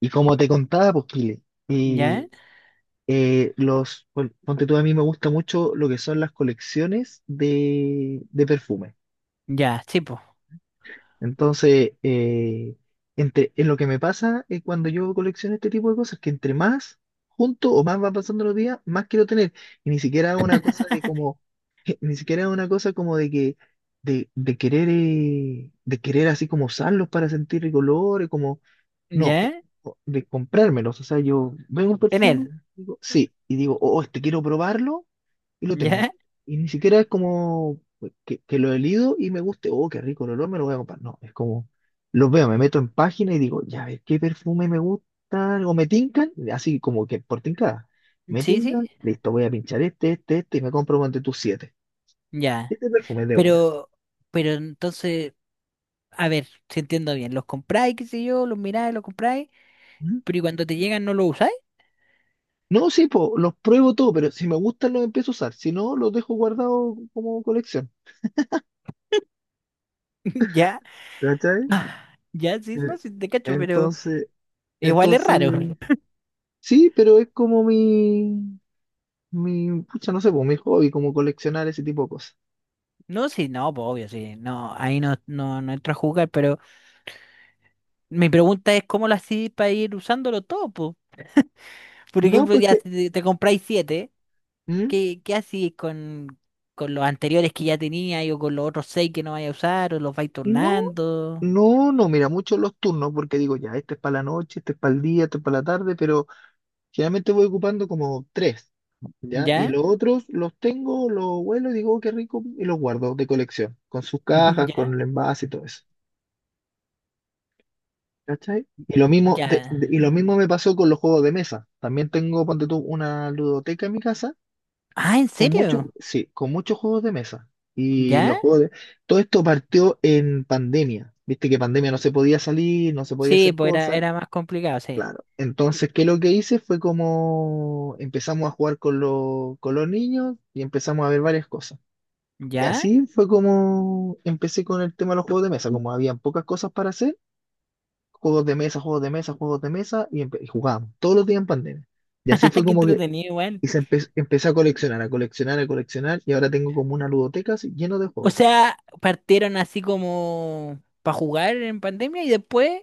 Y como te contaba, pues, Kile, ¿Ya? y, ponte tú, a mí me gusta mucho lo que son las colecciones de perfumes. Ya, sí, po. Entonces, en lo que me pasa es cuando yo colecciono este tipo de cosas, que entre más junto o más van pasando los días, más quiero tener. Y ni siquiera es una cosa de como, ni siquiera es una cosa como de que, de querer, de querer así como usarlos para sentir colores, como no, es ¿Ya? De comprármelos. O sea, yo veo un perfume, Tener. digo, sí, y digo, oh, este quiero probarlo y lo tengo. ¿Ya? Y ni siquiera es como que lo he leído y me guste, oh, qué rico el olor, me lo voy a comprar. No, es como, los veo, me meto en página y digo, ya ves qué perfume me gusta, o me tincan, así como que por tincada. Me Sí, sí. tincan, listo, voy a pinchar este, este, este y me compro entre tus siete. Ya. Este perfume es de una. Pero, pero entonces, a ver, si entiendo bien, los compráis, qué sé yo, los miráis, los compráis, ¿Mm? pero ¿y cuando te llegan no los usáis? No, sí, po, los pruebo todo, pero si me gustan los empiezo a usar, si no, los dejo guardados como colección. ¿Ya? ¿Cachai? Ah, ya, sí, Eh, no, sí, te cacho, pero Entonces, igual es raro. entonces, sí, pero es como mi, pucha, no sé, pues mi hobby, como coleccionar ese tipo de cosas. No, sí, no, pues obvio, sí, no, ahí no, no, no entro a jugar, pero mi pregunta es cómo lo hacís para ir usándolo todo, pues. Por No, ejemplo, pues ya que, si te compráis siete. ¿Mm? ¿Qué, qué haces con los anteriores que ya tenías o con los otros seis que no vayas a usar o los vais No, turnando? no, no, mira, mucho los turnos, porque digo, ya, este es para la noche, este es para el día, este es para la tarde, pero generalmente voy ocupando como tres, ¿ya? Y ¿Ya? los otros los tengo, los vuelo, y digo, "Oh, qué rico", y los guardo de colección, con sus cajas, ¿Ya? con el envase y todo eso. ¿Cachai? Y lo mismo, ¿Ya? Y lo mismo me pasó con los juegos de mesa. También tengo, ponte tú, una ludoteca en mi casa Ah, ¿en con muchos, serio? sí, con muchos juegos de mesa. Y ¿Ya? los juegos de... Todo esto partió en pandemia. Viste que pandemia no se podía salir, no se podía Sí, hacer pues era, cosas. era más complicado, sí. Claro. Entonces, ¿qué lo que hice? Fue como empezamos a jugar con los niños y empezamos a ver varias cosas. Y ¿Ya? así fue como empecé con el tema de los juegos de mesa. Como habían pocas cosas para hacer juegos de mesa, juegos de mesa, juegos de mesa, y jugábamos todos los días en pandemia. Y así fue Qué como que entretenido igual. Empecé a coleccionar, a coleccionar, a coleccionar, y ahora tengo como una ludoteca así, lleno de O juegos. sea, partieron así como para jugar en pandemia y después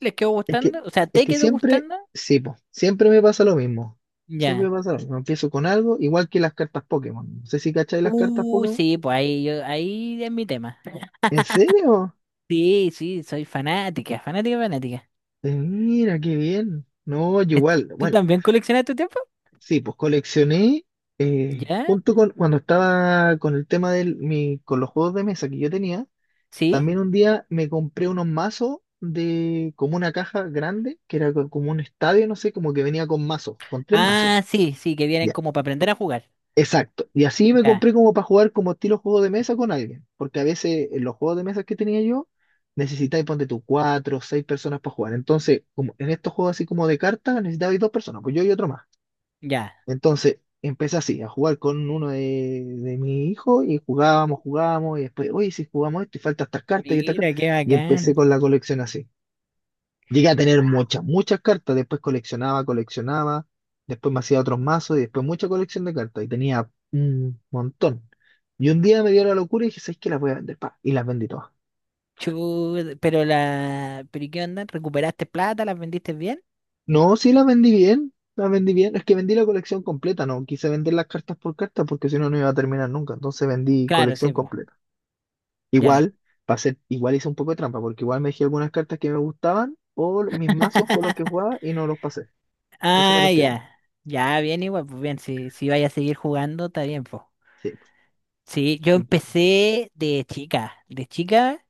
les quedó Es que, gustando. O sea, es ¿te que quedó siempre, gustando? sí, po, siempre me pasa lo mismo. Siempre Ya. me pasa lo mismo. Empiezo con algo, igual que las cartas Pokémon. No sé si cacháis las cartas Pokémon. Sí, pues ahí yo, ahí es mi tema. ¿En serio? Sí, sí, soy fanática, fanática, fanática. Mira, qué bien. No, yo igual, ¿Tú bueno, también coleccionas tu tiempo? sí, pues coleccioné ¿Ya? junto con cuando estaba con el tema de mi, con los juegos de mesa que yo tenía. ¿Sí? También un día me compré unos mazos de como una caja grande, que era como un estadio, no sé, como que venía con mazos, con tres mazos. Ah, sí, sí, que vienen Ya, como para aprender a jugar. exacto. Y así me Ya, compré como para jugar como estilo juego de mesa con alguien, porque a veces en los juegos de mesa que tenía yo necesitáis, ponte tú, cuatro o seis personas para jugar. Entonces, como en estos juegos así como de cartas, necesitabais dos personas, pues yo y otro más. ya. Entonces empecé así, a jugar con uno de mi hijo y jugábamos, jugábamos, y después, oye, si jugamos esto y falta estas Mira, cartas, qué y empecé con bacán. la colección así. Llegué a tener muchas, muchas cartas, después coleccionaba, coleccionaba, después me hacía otros mazos y después mucha colección de cartas y tenía un montón. Y un día me dio la locura y dije, ¿sabes qué? Las voy a vender, pa, y las vendí todas. ¿Pero y qué onda? ¿Recuperaste plata? ¿Las vendiste bien? No, sí las vendí bien, es que vendí la colección completa, no quise vender las cartas por cartas porque si no, no iba a terminar nunca, entonces vendí Claro, colección sí, pues. completa. Ya. Igual, para ser, igual hice un poco de trampa, porque igual me dejé algunas cartas que me gustaban o mis mazos con los que jugaba y no los pasé. Eso me Ah, los quedé. ya. Ya, bien igual, pues bien. Si, si vaya a seguir jugando, está bien, pues. Sí, pues, Sí, yo sí empecé de chica. De chica,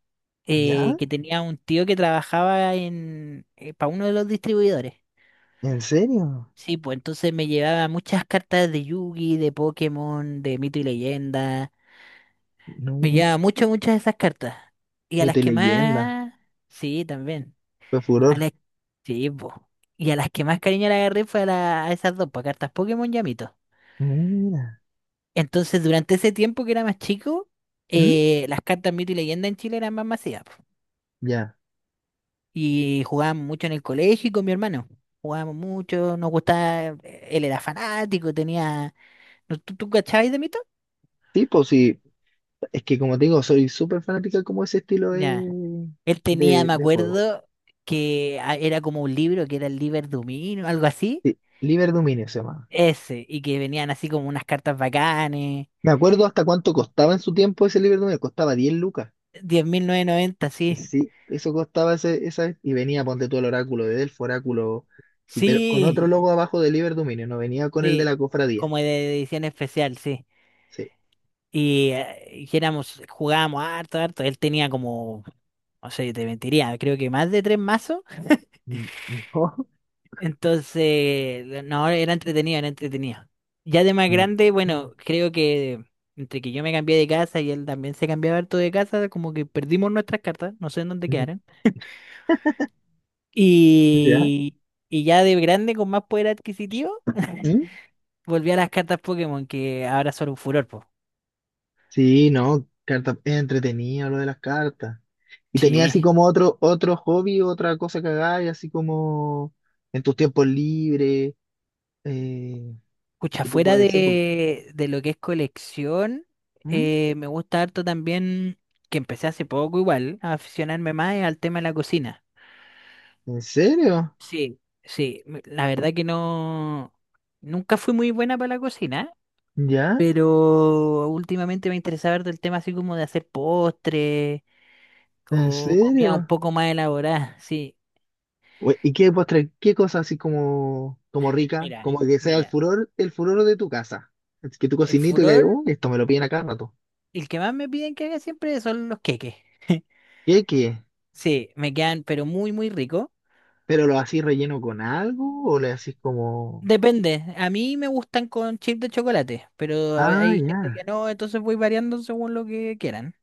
¿Ya? Que tenía un tío que trabajaba en... para uno de los distribuidores. ¿En serio? Sí, pues entonces me llevaba muchas cartas de Yugi, de Pokémon, de Mito y Leyenda. Me No, llevaba muchas, muchas de esas cartas. Y a las que leyenda más... Sí, también. fue A furor. las... Sí, pues. Y a las que más cariño le agarré fue a esas dos, pues, cartas Pokémon y a Mito. Mira. Entonces, durante ese tiempo que era más chico, ¿Mm? Las cartas Mito y Leyenda en Chile eran más masivas, po. Ya. Y jugábamos mucho en el colegio y con mi hermano. Jugábamos mucho, nos gustaba... Él era fanático, tenía... ¿Tú cachabas de Mito? Sí, pues sí. Es que como te digo, soy súper fanática como ese estilo Ya. de, Él tenía, me de juego. acuerdo, que era como un libro, que era el Liber Dumino, algo así. Sí, Liber Dominio se llama. Ese, y que venían así como unas cartas bacanes. Me acuerdo hasta cuánto costaba en su tiempo ese Liber Dominio. Costaba 10 lucas. 10.990, sí. Sí, eso costaba ese, esa, y venía, ponte tú el oráculo de Delfo, oráculo, y Sí, pero con otro logo abajo de Liber Dominio, no venía con el de sí. la cofradía. Como de edición especial, sí. Sí. Y que éramos, jugábamos harto, harto. Él tenía como, no sé, te mentiría, creo que más de tres mazos. Mm, no. Entonces, no, era entretenido, era entretenido. Ya de más Mm, grande, bueno, creo que entre que yo me cambié de casa y él también se cambiaba harto de casa, como que perdimos nuestras cartas, no sé en dónde mm, quedaron. ¿Ya? Y, y ya de grande, con más poder adquisitivo, ¿Mm? volví a las cartas Pokémon, que ahora son un furor, po. Sí, no, carta, es entretenido lo de las cartas. Y tenía así Sí. como otro hobby, otra cosa que hagáis, así como en tus tiempos libres, eh, Escucha, y tú fuera puedes ser, de lo que es colección, ¿Mm? Me gusta harto también, que empecé hace poco igual, a aficionarme más al tema de la cocina. ¿En serio? Sí, sí, la verdad que no, nunca fui muy buena para la cocina, ¿Ya? pero últimamente me interesaba ver del tema así como de hacer postres ¿En o comida un serio? poco más elaborada, sí. ¿Y qué postre, qué cosa así como, como rica, Mira, como que sea mira, el furor de tu casa? Es que tu el cocinito y que, furor, oh, esto me lo piden a cada rato. el que más me piden que haga siempre son los queques. ¿Qué, qué? Sí, me quedan pero muy, muy rico. ¿Pero lo hacís relleno con algo o le hacís como... Depende, a mí me gustan con chip de chocolate, pero Ah, hay gente que ya, no, entonces voy variando según lo que quieran.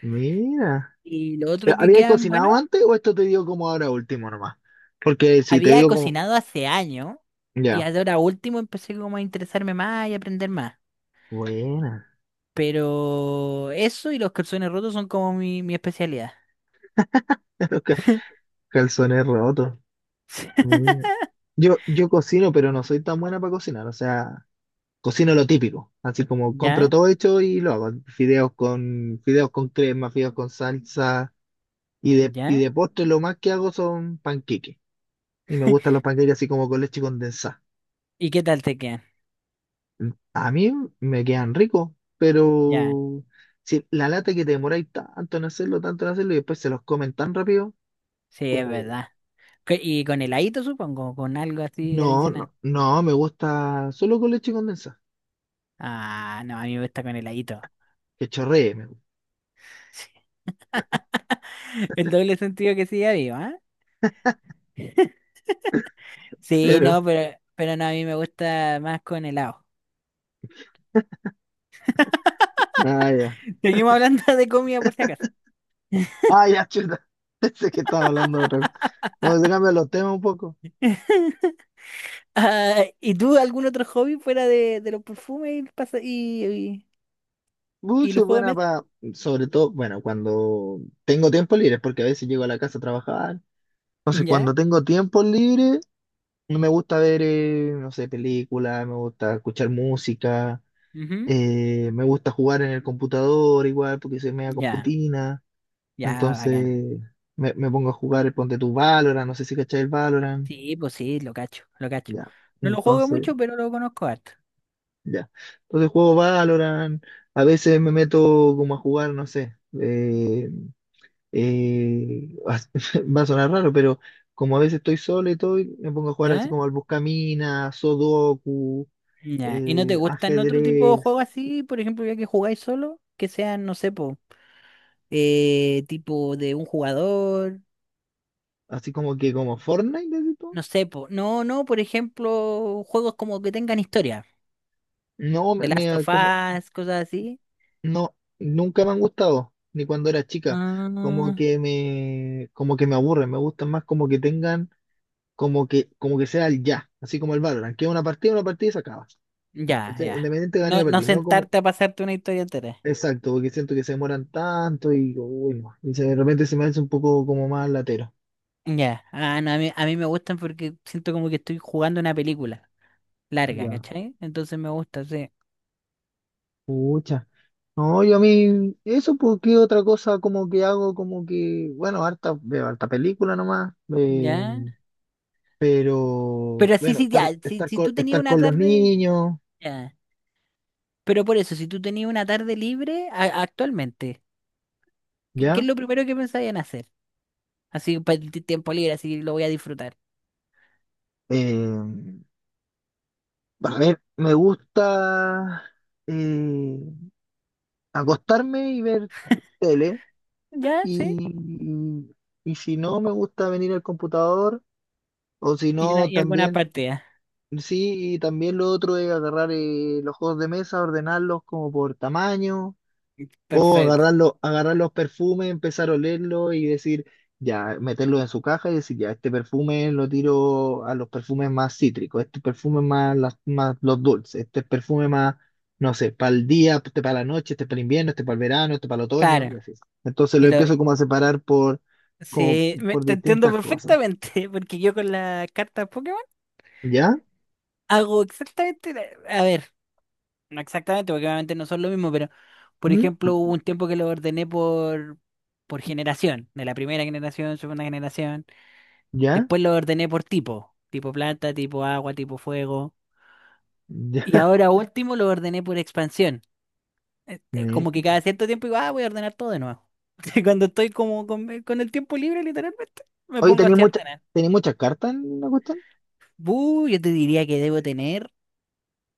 mira. Y lo otro ¿Pero que habías quedan, bueno. cocinado antes o esto te dio como ahora último nomás? Porque si te Había dio como... cocinado hace años y Ya, ahora último empecé como a interesarme más y aprender más. buena. Pero eso y los calzones rotos son como mi especialidad. Los Ca- Calzones rotos. Mira. Yo cocino, pero no soy tan buena para cocinar. O sea, cocino lo típico, así como compro ¿Ya? todo hecho y lo hago, fideos con crema, fideos con salsa, y ¿Ya? de postre lo más que hago son panqueques, y me gustan los panqueques así como con leche condensada. ¿Y qué tal te quedan? A mí me quedan ricos, Ya, pero si la lata que te demoráis tanto en hacerlo, y después se los comen tan rápido, sí, es verdad. ¿Qué- Y con heladito, supongo, con algo así no, adicional. no, no, me gusta solo con leche condensada, Ah, no, a mí me gusta con heladito. que chorree, me gusta. El doble sentido que sigue vivo, ¿ah? Sí, Pero, no, pero no, a mí me gusta más con helado. ah, ya, Seguimos hablando de comida por si acaso. ah, ya, chuta, pensé que estaba hablando de otra cosa. Vamos a cambiar los temas un poco. Ah, ¿y tú algún otro hobby fuera de, los perfumes y, y Soy los juegos de buena mesa? para, sobre todo, bueno, cuando tengo tiempo libre, porque a veces llego a la casa a trabajar. Entonces, Ya, cuando tengo tiempo libre, no me gusta ver, no sé, películas, me gusta escuchar música, ujú, me gusta jugar en el computador igual, porque soy media ya, computina. ya, Entonces, bacán. me pongo a jugar, ponte tu Valorant, no sé si cachai el Valorant. Sí, pues sí, lo cacho, lo cacho. Ya, No lo juego entonces, mucho, pero lo conozco harto. ya. Entonces juego Valorant, a veces me meto como a jugar, no sé. Va a sonar raro, pero como a veces estoy solo y todo, y me pongo a jugar así ¿Ya? como al buscaminas, Sudoku, Ya. ¿Y no te gustan otro tipo de ajedrez, juegos así, por ejemplo, ya que jugáis solo? Que sean, no sé, po, tipo de un jugador, así como que como Fortnite, así todo. no sé, po. No, no, por ejemplo, juegos como que tengan historia. No, The Last of como, Us, cosas así. no, nunca me han gustado, ni cuando era chica. Ah, Como que me aburren, me gustan más como que tengan, como que sea el ya, así como el Valorant, que es una partida y se acaba. ya, ¿Cachai? ya. Independiente de ganar No, o no perder, ¿no? Como, sentarte a pasarte una historia entera. exacto, porque siento que se demoran tanto y, uy, no. De repente se me hace un poco como más latero. Ya. Ah, no, a mí me gustan porque siento como que estoy jugando una película larga, Ya, ¿cachai? Entonces me gusta, sí. pucha. No, yo a mí, eso porque otra cosa como que hago, como que, bueno, harta, veo harta película nomás, Ya. pero Pero así bueno, sí, ya. estar, Si, si tú tenías estar una con los tarde. niños, Ya. Pero por eso, si tú tenías una tarde libre actualmente, ¿qué ya. es lo primero que pensabas en hacer? Así, tiempo libre, así lo voy a disfrutar. Eh, a ver, me gusta eh, acostarme y ver tele, Ya, y, sí. y si no, me gusta venir al computador. O si Y, una, no, y alguna también, partida. sí, y también lo otro es agarrar los juegos de mesa, ordenarlos como por tamaño, o Perfecto. Agarrar los perfumes, empezar a olerlos y decir, ya, meterlos en su caja y decir, ya, este perfume lo tiro a los perfumes más cítricos, este perfume más, más los dulces, este perfume más, no sé, para el día, este para la noche, este para el invierno, este para el verano, este para el otoño, y Claro. así. Entonces Y lo lo. empiezo como a separar por, como Sí, por te entiendo distintas cosas. perfectamente, porque yo con las cartas Pokémon ¿Ya? hago exactamente, a ver, no exactamente, porque obviamente no son lo mismo, pero por ¿Mm? ejemplo hubo un tiempo que lo ordené por, generación, de la primera generación, segunda generación, ¿Ya? después lo ordené por tipo, tipo planta, tipo agua, tipo fuego, y ahora último lo ordené por expansión. Este, Me- como que cada cierto tiempo digo, ah, voy a ordenar todo de nuevo. Cuando estoy como con el tiempo libre, literalmente, me Oye, pongo tenía así a mucha, ordenar. tenía muchas cartas en la cuestión. Yo te diría que debo tener.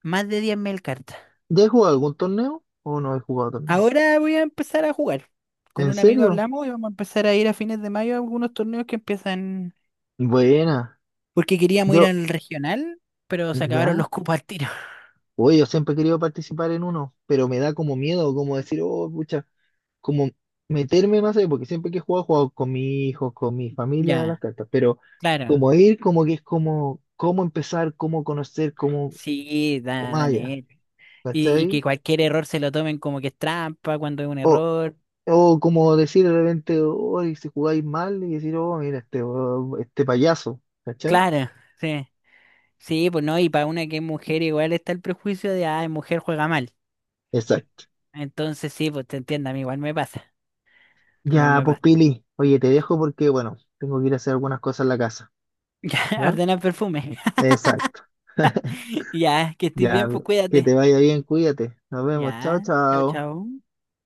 Más de 10.000 cartas. ¿Ya he jugado algún torneo o no he jugado torneo? Ahora voy a empezar a jugar. Con ¿En un amigo serio? hablamos y vamos a empezar a ir a fines de mayo a algunos torneos que empiezan. Buena. Porque queríamos ir Yo, al regional, pero se acabaron ya. los cupos al tiro. Oye, yo siempre he querido participar en uno, pero me da como miedo, como decir, oh, pucha, como meterme más ahí, porque siempre que he jugado con mi hijo, con mi familia a las Ya, cartas, pero claro. como ir, como que es como, cómo empezar, cómo conocer, cómo, Sí, cómo más allá, Daniel. Y que ¿cachai? cualquier error se lo tomen como que es trampa cuando es un error. O como decir de repente, hoy si jugáis mal y decir, oh, mira, este, oh, este payaso, ¿cachai? Claro, sí. Sí, pues no, y para una que es mujer igual está el prejuicio de, ah, mujer juega mal. Exacto. Entonces sí, pues te entiendo, a mí igual me pasa. Igual Ya, me pues pasa. Pili, oye, te dejo porque, bueno, tengo que ir a hacer algunas cosas en la casa, Ya, ¿ya? ordenar perfume. Exacto. Ya, que estés bien, Ya, pues que te cuídate. vaya bien, cuídate. Nos vemos, chao, Ya, chao, chao. chao.